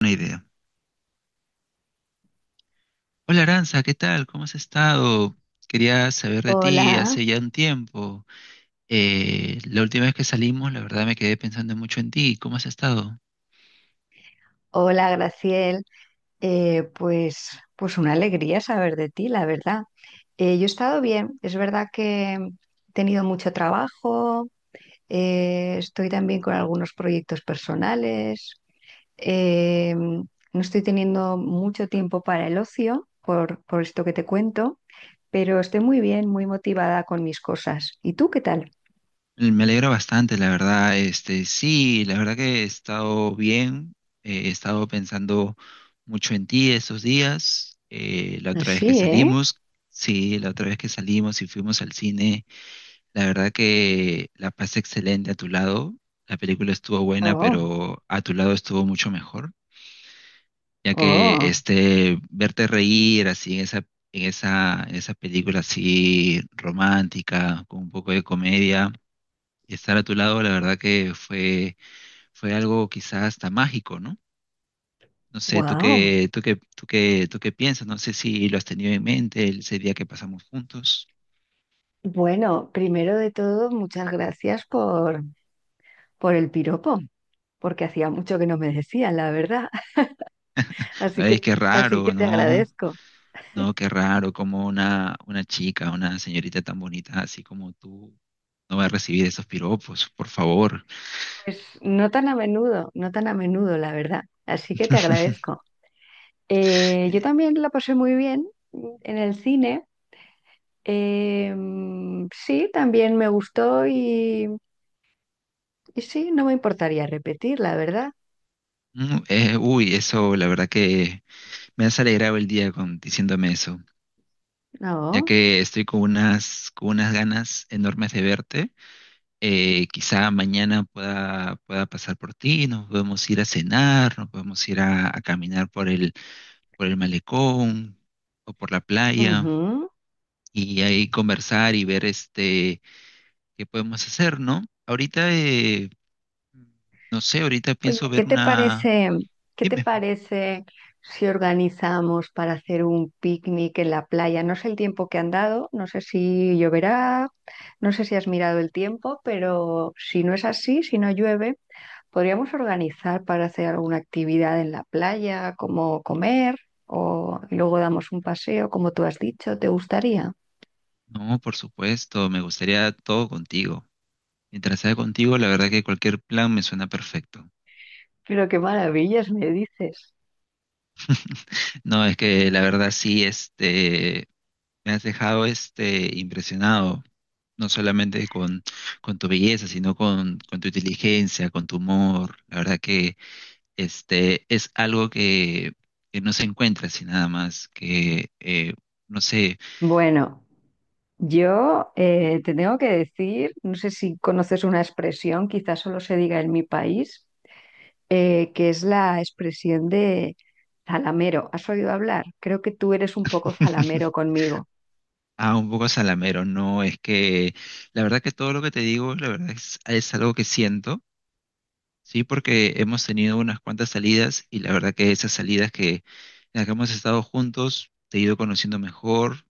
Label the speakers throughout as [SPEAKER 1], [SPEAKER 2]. [SPEAKER 1] Una idea. Hola Aranza, ¿qué tal? ¿Cómo has estado? Quería saber de ti
[SPEAKER 2] Hola,
[SPEAKER 1] hace ya un tiempo. La última vez que salimos, la verdad me quedé pensando mucho en ti. ¿Cómo has estado?
[SPEAKER 2] hola Graciel. Eh, pues, pues una alegría saber de ti, la verdad. Yo he estado bien, es verdad que he tenido mucho trabajo, estoy también con algunos proyectos personales, no estoy teniendo mucho tiempo para el ocio por esto que te cuento, pero estoy muy bien, muy motivada con mis cosas. ¿Y tú qué tal?
[SPEAKER 1] Me alegro bastante, la verdad. Este, sí, la verdad que he estado bien. He estado pensando mucho en ti estos días. La otra vez que
[SPEAKER 2] Así, ¿eh?
[SPEAKER 1] salimos, sí, la otra vez que salimos y fuimos al cine, la verdad que la pasé excelente a tu lado. La película estuvo buena,
[SPEAKER 2] Oh,
[SPEAKER 1] pero a tu lado estuvo mucho mejor, ya que
[SPEAKER 2] oh,
[SPEAKER 1] este verte reír así en esa en esa película así romántica con un poco de comedia. Y estar a tu lado, la verdad que fue algo quizás hasta mágico, ¿no? No sé, tú
[SPEAKER 2] wow.
[SPEAKER 1] qué, tú qué, tú qué, tú qué piensas, no sé si lo has tenido en mente ese día que pasamos juntos.
[SPEAKER 2] Bueno, primero de todo, por el piropo, porque hacía mucho que no me decían, la verdad. Así
[SPEAKER 1] Ay,
[SPEAKER 2] que,
[SPEAKER 1] qué
[SPEAKER 2] así que
[SPEAKER 1] raro,
[SPEAKER 2] te
[SPEAKER 1] ¿no?
[SPEAKER 2] agradezco.
[SPEAKER 1] No, qué raro, como una chica, una señorita tan bonita así como tú no va a recibir esos piropos, por favor.
[SPEAKER 2] Pues no tan a menudo, no tan a menudo, la verdad. Así que te agradezco. Yo
[SPEAKER 1] Eh,
[SPEAKER 2] también la pasé muy bien en el cine. Sí, también y sí, no me importaría repetir, la verdad.
[SPEAKER 1] Eso la verdad que me has alegrado el día diciéndome eso, ya
[SPEAKER 2] No.
[SPEAKER 1] que estoy con con unas ganas enormes de verte. Quizá mañana pueda pasar por ti, nos podemos ir a cenar, nos podemos ir a caminar por por el malecón o por la playa,
[SPEAKER 2] Ujú.
[SPEAKER 1] y ahí conversar y ver este, qué podemos hacer, ¿no? Ahorita, no sé, ahorita
[SPEAKER 2] Oye,
[SPEAKER 1] pienso
[SPEAKER 2] ¿qué
[SPEAKER 1] ver
[SPEAKER 2] te
[SPEAKER 1] una...
[SPEAKER 2] parece, ¿qué te
[SPEAKER 1] Dime.
[SPEAKER 2] parece si organizamos para hacer un picnic en la playa? No sé el tiempo que han dado, no sé si lloverá, no sé si has mirado el tiempo, pero si no es así, si no llueve, podríamos organizar para hacer alguna actividad en la playa, como comer, o y luego damos un paseo, como tú has dicho, ¿te gustaría?
[SPEAKER 1] No, por supuesto, me gustaría todo contigo. Mientras sea contigo, la verdad que cualquier plan me suena perfecto.
[SPEAKER 2] Pero qué maravillas me dices.
[SPEAKER 1] No, es que la verdad sí, este, me has dejado este impresionado. No solamente con tu belleza, sino con tu inteligencia, con tu humor. La verdad que este es algo que no se encuentra así nada más, que no sé,
[SPEAKER 2] Bueno. Yo te tengo que decir, no sé si conoces una expresión, quizás solo se diga en mi país, que es la expresión de zalamero. ¿Has oído hablar? Creo que tú eres un poco zalamero conmigo.
[SPEAKER 1] ah, un poco salamero, no, es que la verdad que todo lo que te digo, la verdad es algo que siento. Sí, porque hemos tenido unas cuantas salidas y la verdad que esas salidas que en las que hemos estado juntos, te he ido conociendo mejor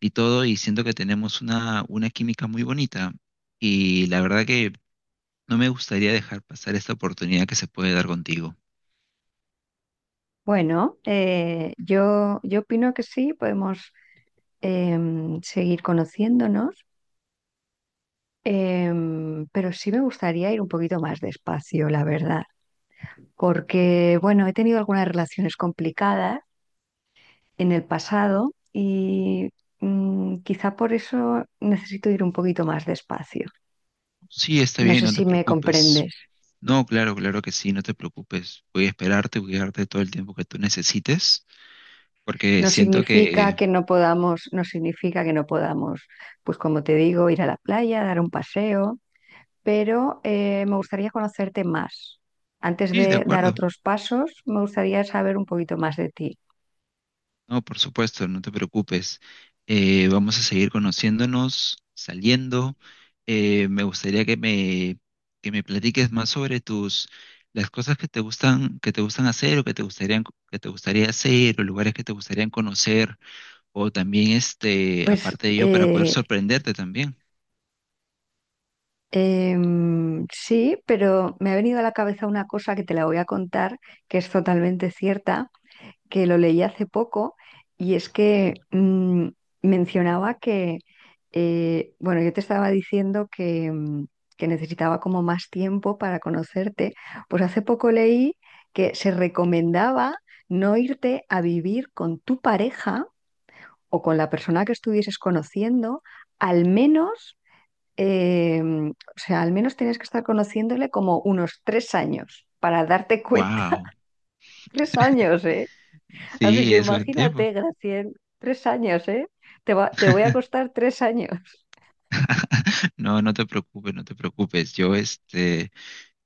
[SPEAKER 1] y todo, y siento que tenemos una química muy bonita. Y la verdad que no me gustaría dejar pasar esta oportunidad que se puede dar contigo.
[SPEAKER 2] Bueno, yo opino que sí, podemos seguir conociéndonos, pero sí me gustaría ir un poquito más despacio, la verdad, porque, bueno, he tenido algunas relaciones complicadas en el pasado y quizá por eso necesito ir un poquito más despacio.
[SPEAKER 1] Sí, está
[SPEAKER 2] No
[SPEAKER 1] bien,
[SPEAKER 2] sé
[SPEAKER 1] no te
[SPEAKER 2] si me
[SPEAKER 1] preocupes.
[SPEAKER 2] comprendes.
[SPEAKER 1] No, claro, claro que sí, no te preocupes. Voy a esperarte, voy a darte todo el tiempo que tú necesites, porque
[SPEAKER 2] No
[SPEAKER 1] siento
[SPEAKER 2] significa
[SPEAKER 1] que...
[SPEAKER 2] que no podamos, no significa que no podamos, pues como te digo, ir a la playa, dar un paseo, pero me gustaría conocerte más. Antes
[SPEAKER 1] Sí, de
[SPEAKER 2] de dar
[SPEAKER 1] acuerdo.
[SPEAKER 2] otros pasos, me gustaría saber un poquito más de ti.
[SPEAKER 1] No, por supuesto, no te preocupes. Vamos a seguir conociéndonos, saliendo. Me gustaría que me platiques más sobre tus, las cosas que te gustan hacer o que te gustarían, que te gustaría hacer o lugares que te gustarían conocer o también este,
[SPEAKER 2] Pues
[SPEAKER 1] aparte de ello, para poder
[SPEAKER 2] eh,
[SPEAKER 1] sorprenderte también.
[SPEAKER 2] em, sí, pero me ha venido a la cabeza una cosa que te la voy a contar, que es totalmente cierta, que lo leí hace poco y es que mencionaba que, bueno, yo te estaba diciendo que necesitaba como más tiempo para conocerte, pues hace poco leí que se recomendaba no irte a vivir con tu pareja o con la persona que estuvieses conociendo, al menos, o sea, al menos tienes que estar conociéndole como unos 3 años para darte cuenta.
[SPEAKER 1] Wow,
[SPEAKER 2] 3 años, ¿eh? Así
[SPEAKER 1] sí,
[SPEAKER 2] que
[SPEAKER 1] eso es tiempo.
[SPEAKER 2] imagínate, Graciel, 3 años, ¿eh? Te voy a costar 3 años.
[SPEAKER 1] No, no te preocupes, no te preocupes. Yo, este,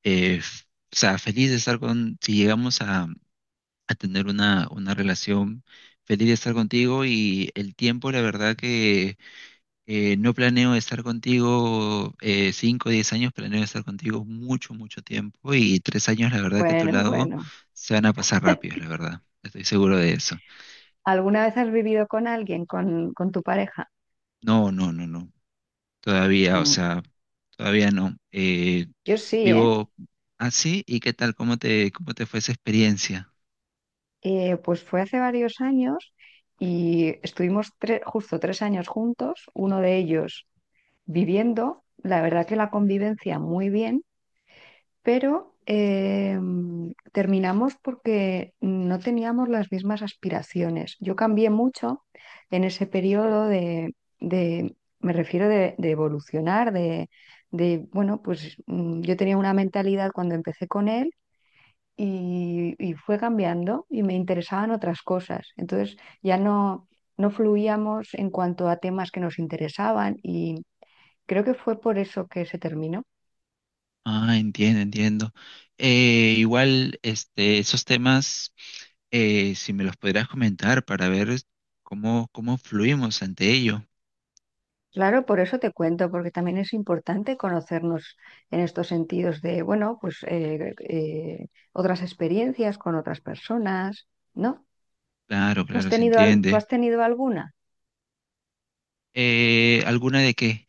[SPEAKER 1] eh, f- feliz de estar con, si llegamos a tener una relación. Feliz de estar contigo y el tiempo, la verdad que no planeo estar contigo 5 o 10 años, planeo estar contigo mucho, mucho tiempo y 3 años, la verdad que a tu
[SPEAKER 2] Bueno,
[SPEAKER 1] lado
[SPEAKER 2] bueno.
[SPEAKER 1] se van a pasar rápidos, la verdad. Estoy seguro de eso.
[SPEAKER 2] ¿Alguna vez has vivido con alguien, con tu pareja?
[SPEAKER 1] No, no, no, no. Todavía, o
[SPEAKER 2] Mm,
[SPEAKER 1] sea, todavía no.
[SPEAKER 2] yo sí, ¿eh?
[SPEAKER 1] Vivo así. ¿Y qué tal? ¿Cómo te fue esa experiencia?
[SPEAKER 2] Pues fue hace varios años y justo tres años juntos, uno de ellos viviendo, la verdad que la convivencia muy bien, pero eh, terminamos porque no teníamos las mismas aspiraciones. Yo cambié mucho en ese periodo me refiero de evolucionar, bueno, pues yo tenía una mentalidad cuando empecé con él y fue cambiando y me interesaban otras cosas. Entonces ya no, no fluíamos en cuanto a temas que nos interesaban y creo que fue por eso que se terminó.
[SPEAKER 1] Ah, entiendo, entiendo. Igual, este, esos temas, eh, si me los podrías comentar para ver cómo fluimos ante ello.
[SPEAKER 2] Claro, por eso te cuento, porque también es importante conocernos en estos sentidos de, bueno, pues otras experiencias con otras personas, ¿no?
[SPEAKER 1] Claro,
[SPEAKER 2] ¿Tú has
[SPEAKER 1] claro, se
[SPEAKER 2] tenido, tú
[SPEAKER 1] entiende.
[SPEAKER 2] has tenido alguna?
[SPEAKER 1] ¿Alguna de qué?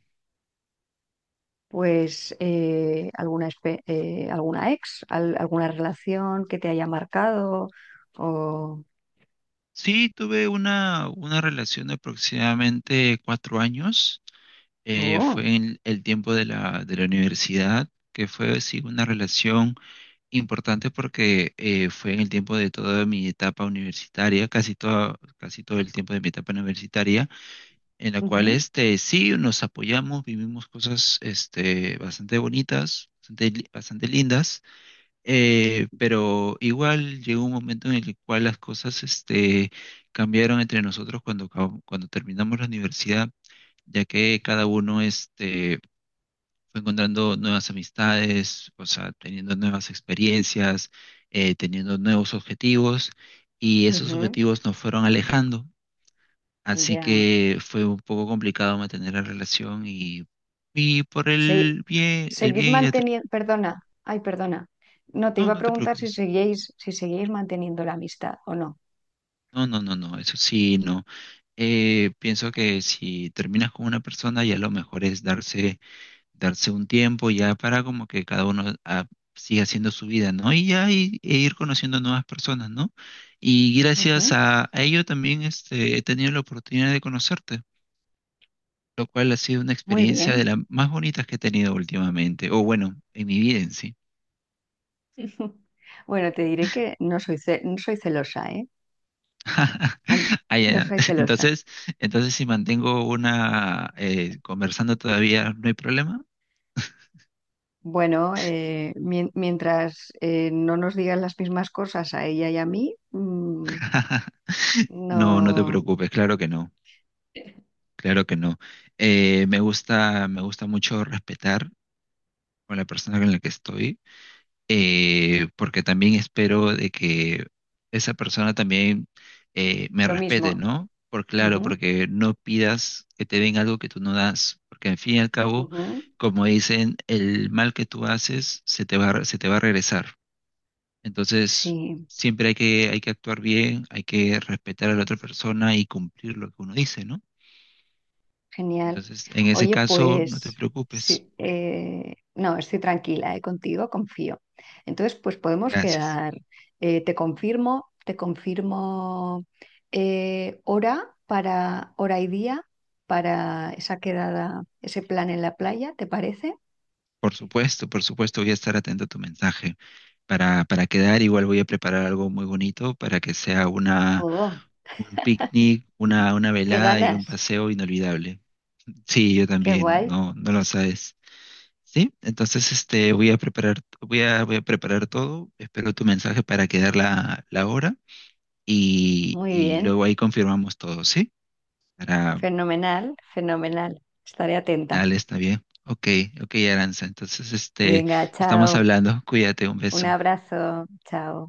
[SPEAKER 2] Pues alguna, alguna alguna relación que te haya marcado o...
[SPEAKER 1] Sí, tuve una relación de aproximadamente 4 años.
[SPEAKER 2] o-
[SPEAKER 1] Fue en el tiempo de de la universidad, que fue sí, una relación importante porque fue en el tiempo de toda mi etapa universitaria, casi todo el tiempo de mi etapa universitaria. En la cual
[SPEAKER 2] Ujú.
[SPEAKER 1] este, sí nos apoyamos, vivimos cosas este, bastante bonitas, bastante, bastante lindas, pero igual llegó un momento en el cual las cosas este, cambiaron entre nosotros cuando terminamos la universidad, ya que cada uno este, fue encontrando nuevas amistades, o sea, teniendo nuevas experiencias, teniendo nuevos objetivos, y esos
[SPEAKER 2] Ujú,
[SPEAKER 1] objetivos nos fueron alejando. Así
[SPEAKER 2] ya.
[SPEAKER 1] que fue un poco complicado mantener la y por
[SPEAKER 2] Se-
[SPEAKER 1] el
[SPEAKER 2] seguís
[SPEAKER 1] bien y la... tra-
[SPEAKER 2] manteniendo, perdona, ay, perdona. No, te
[SPEAKER 1] No,
[SPEAKER 2] iba a
[SPEAKER 1] no te
[SPEAKER 2] preguntar si
[SPEAKER 1] preocupes.
[SPEAKER 2] seguíais, si seguíais manteniendo la amistad o no.
[SPEAKER 1] No, no, no, no, eso sí, no. Pienso que si terminas con una persona, ya lo mejor es darse un tiempo ya para como que cada uno ah, siga haciendo su vida, ¿no? Y ya ir conociendo nuevas personas, ¿no? Y gracias
[SPEAKER 2] Ujú,
[SPEAKER 1] a ello también este, he tenido la oportunidad de conocerte, lo cual ha sido una
[SPEAKER 2] muy
[SPEAKER 1] experiencia de
[SPEAKER 2] bien.
[SPEAKER 1] las más bonitas que he tenido últimamente, o bueno, en mi vida en sí.
[SPEAKER 2] Bueno, te diré que no soy, no soy celosa, ¿eh? An-
[SPEAKER 1] Ah,
[SPEAKER 2] No
[SPEAKER 1] ya.
[SPEAKER 2] soy celosa.
[SPEAKER 1] Entonces, entonces si mantengo una conversando todavía, no hay problema.
[SPEAKER 2] Bueno, mientras no nos digan las mismas cosas a ella y a mí, mm,
[SPEAKER 1] No, no te
[SPEAKER 2] no,
[SPEAKER 1] preocupes, claro que no, claro que no. Me gusta mucho respetar con la persona con la que estoy porque también espero de que esa persona también me
[SPEAKER 2] lo
[SPEAKER 1] respete,
[SPEAKER 2] mismo.
[SPEAKER 1] ¿no? Por claro,
[SPEAKER 2] Ujú,
[SPEAKER 1] porque no pidas que te den algo que tú no das, porque en fin y al cabo,
[SPEAKER 2] ujú.
[SPEAKER 1] como dicen, el mal que tú haces se te va a regresar. Entonces,
[SPEAKER 2] Sí.
[SPEAKER 1] siempre hay hay que actuar bien, hay que respetar a la otra persona y cumplir lo que uno dice, ¿no?
[SPEAKER 2] Genial.
[SPEAKER 1] Entonces, en ese
[SPEAKER 2] Oye,
[SPEAKER 1] caso, no te
[SPEAKER 2] pues
[SPEAKER 1] preocupes.
[SPEAKER 2] sí, no, estoy tranquila, contigo, confío. Entonces, pues podemos
[SPEAKER 1] Gracias.
[SPEAKER 2] quedar. Te confirmo hora para hora y día para esa quedada, ese plan en la playa, ¿te parece?
[SPEAKER 1] Por supuesto, voy a estar atento a tu mensaje para quedar. Igual voy a preparar algo muy bonito para que sea
[SPEAKER 2] Oh,
[SPEAKER 1] un picnic, una
[SPEAKER 2] qué
[SPEAKER 1] velada y
[SPEAKER 2] ganas,
[SPEAKER 1] un paseo inolvidable. Sí, yo
[SPEAKER 2] qué
[SPEAKER 1] también,
[SPEAKER 2] guay.
[SPEAKER 1] no, no lo sabes. Sí, entonces este, voy a voy a preparar todo. Espero tu mensaje para quedar la hora
[SPEAKER 2] Muy
[SPEAKER 1] y
[SPEAKER 2] bien,
[SPEAKER 1] luego ahí confirmamos todo, ¿sí? Para,
[SPEAKER 2] fenomenal, fenomenal. Estaré atenta.
[SPEAKER 1] dale, está bien. Ok, ok, Aranza. Entonces, este,
[SPEAKER 2] Venga,
[SPEAKER 1] estamos
[SPEAKER 2] chao.
[SPEAKER 1] hablando. Cuídate, un
[SPEAKER 2] Un
[SPEAKER 1] beso.
[SPEAKER 2] abrazo, chao.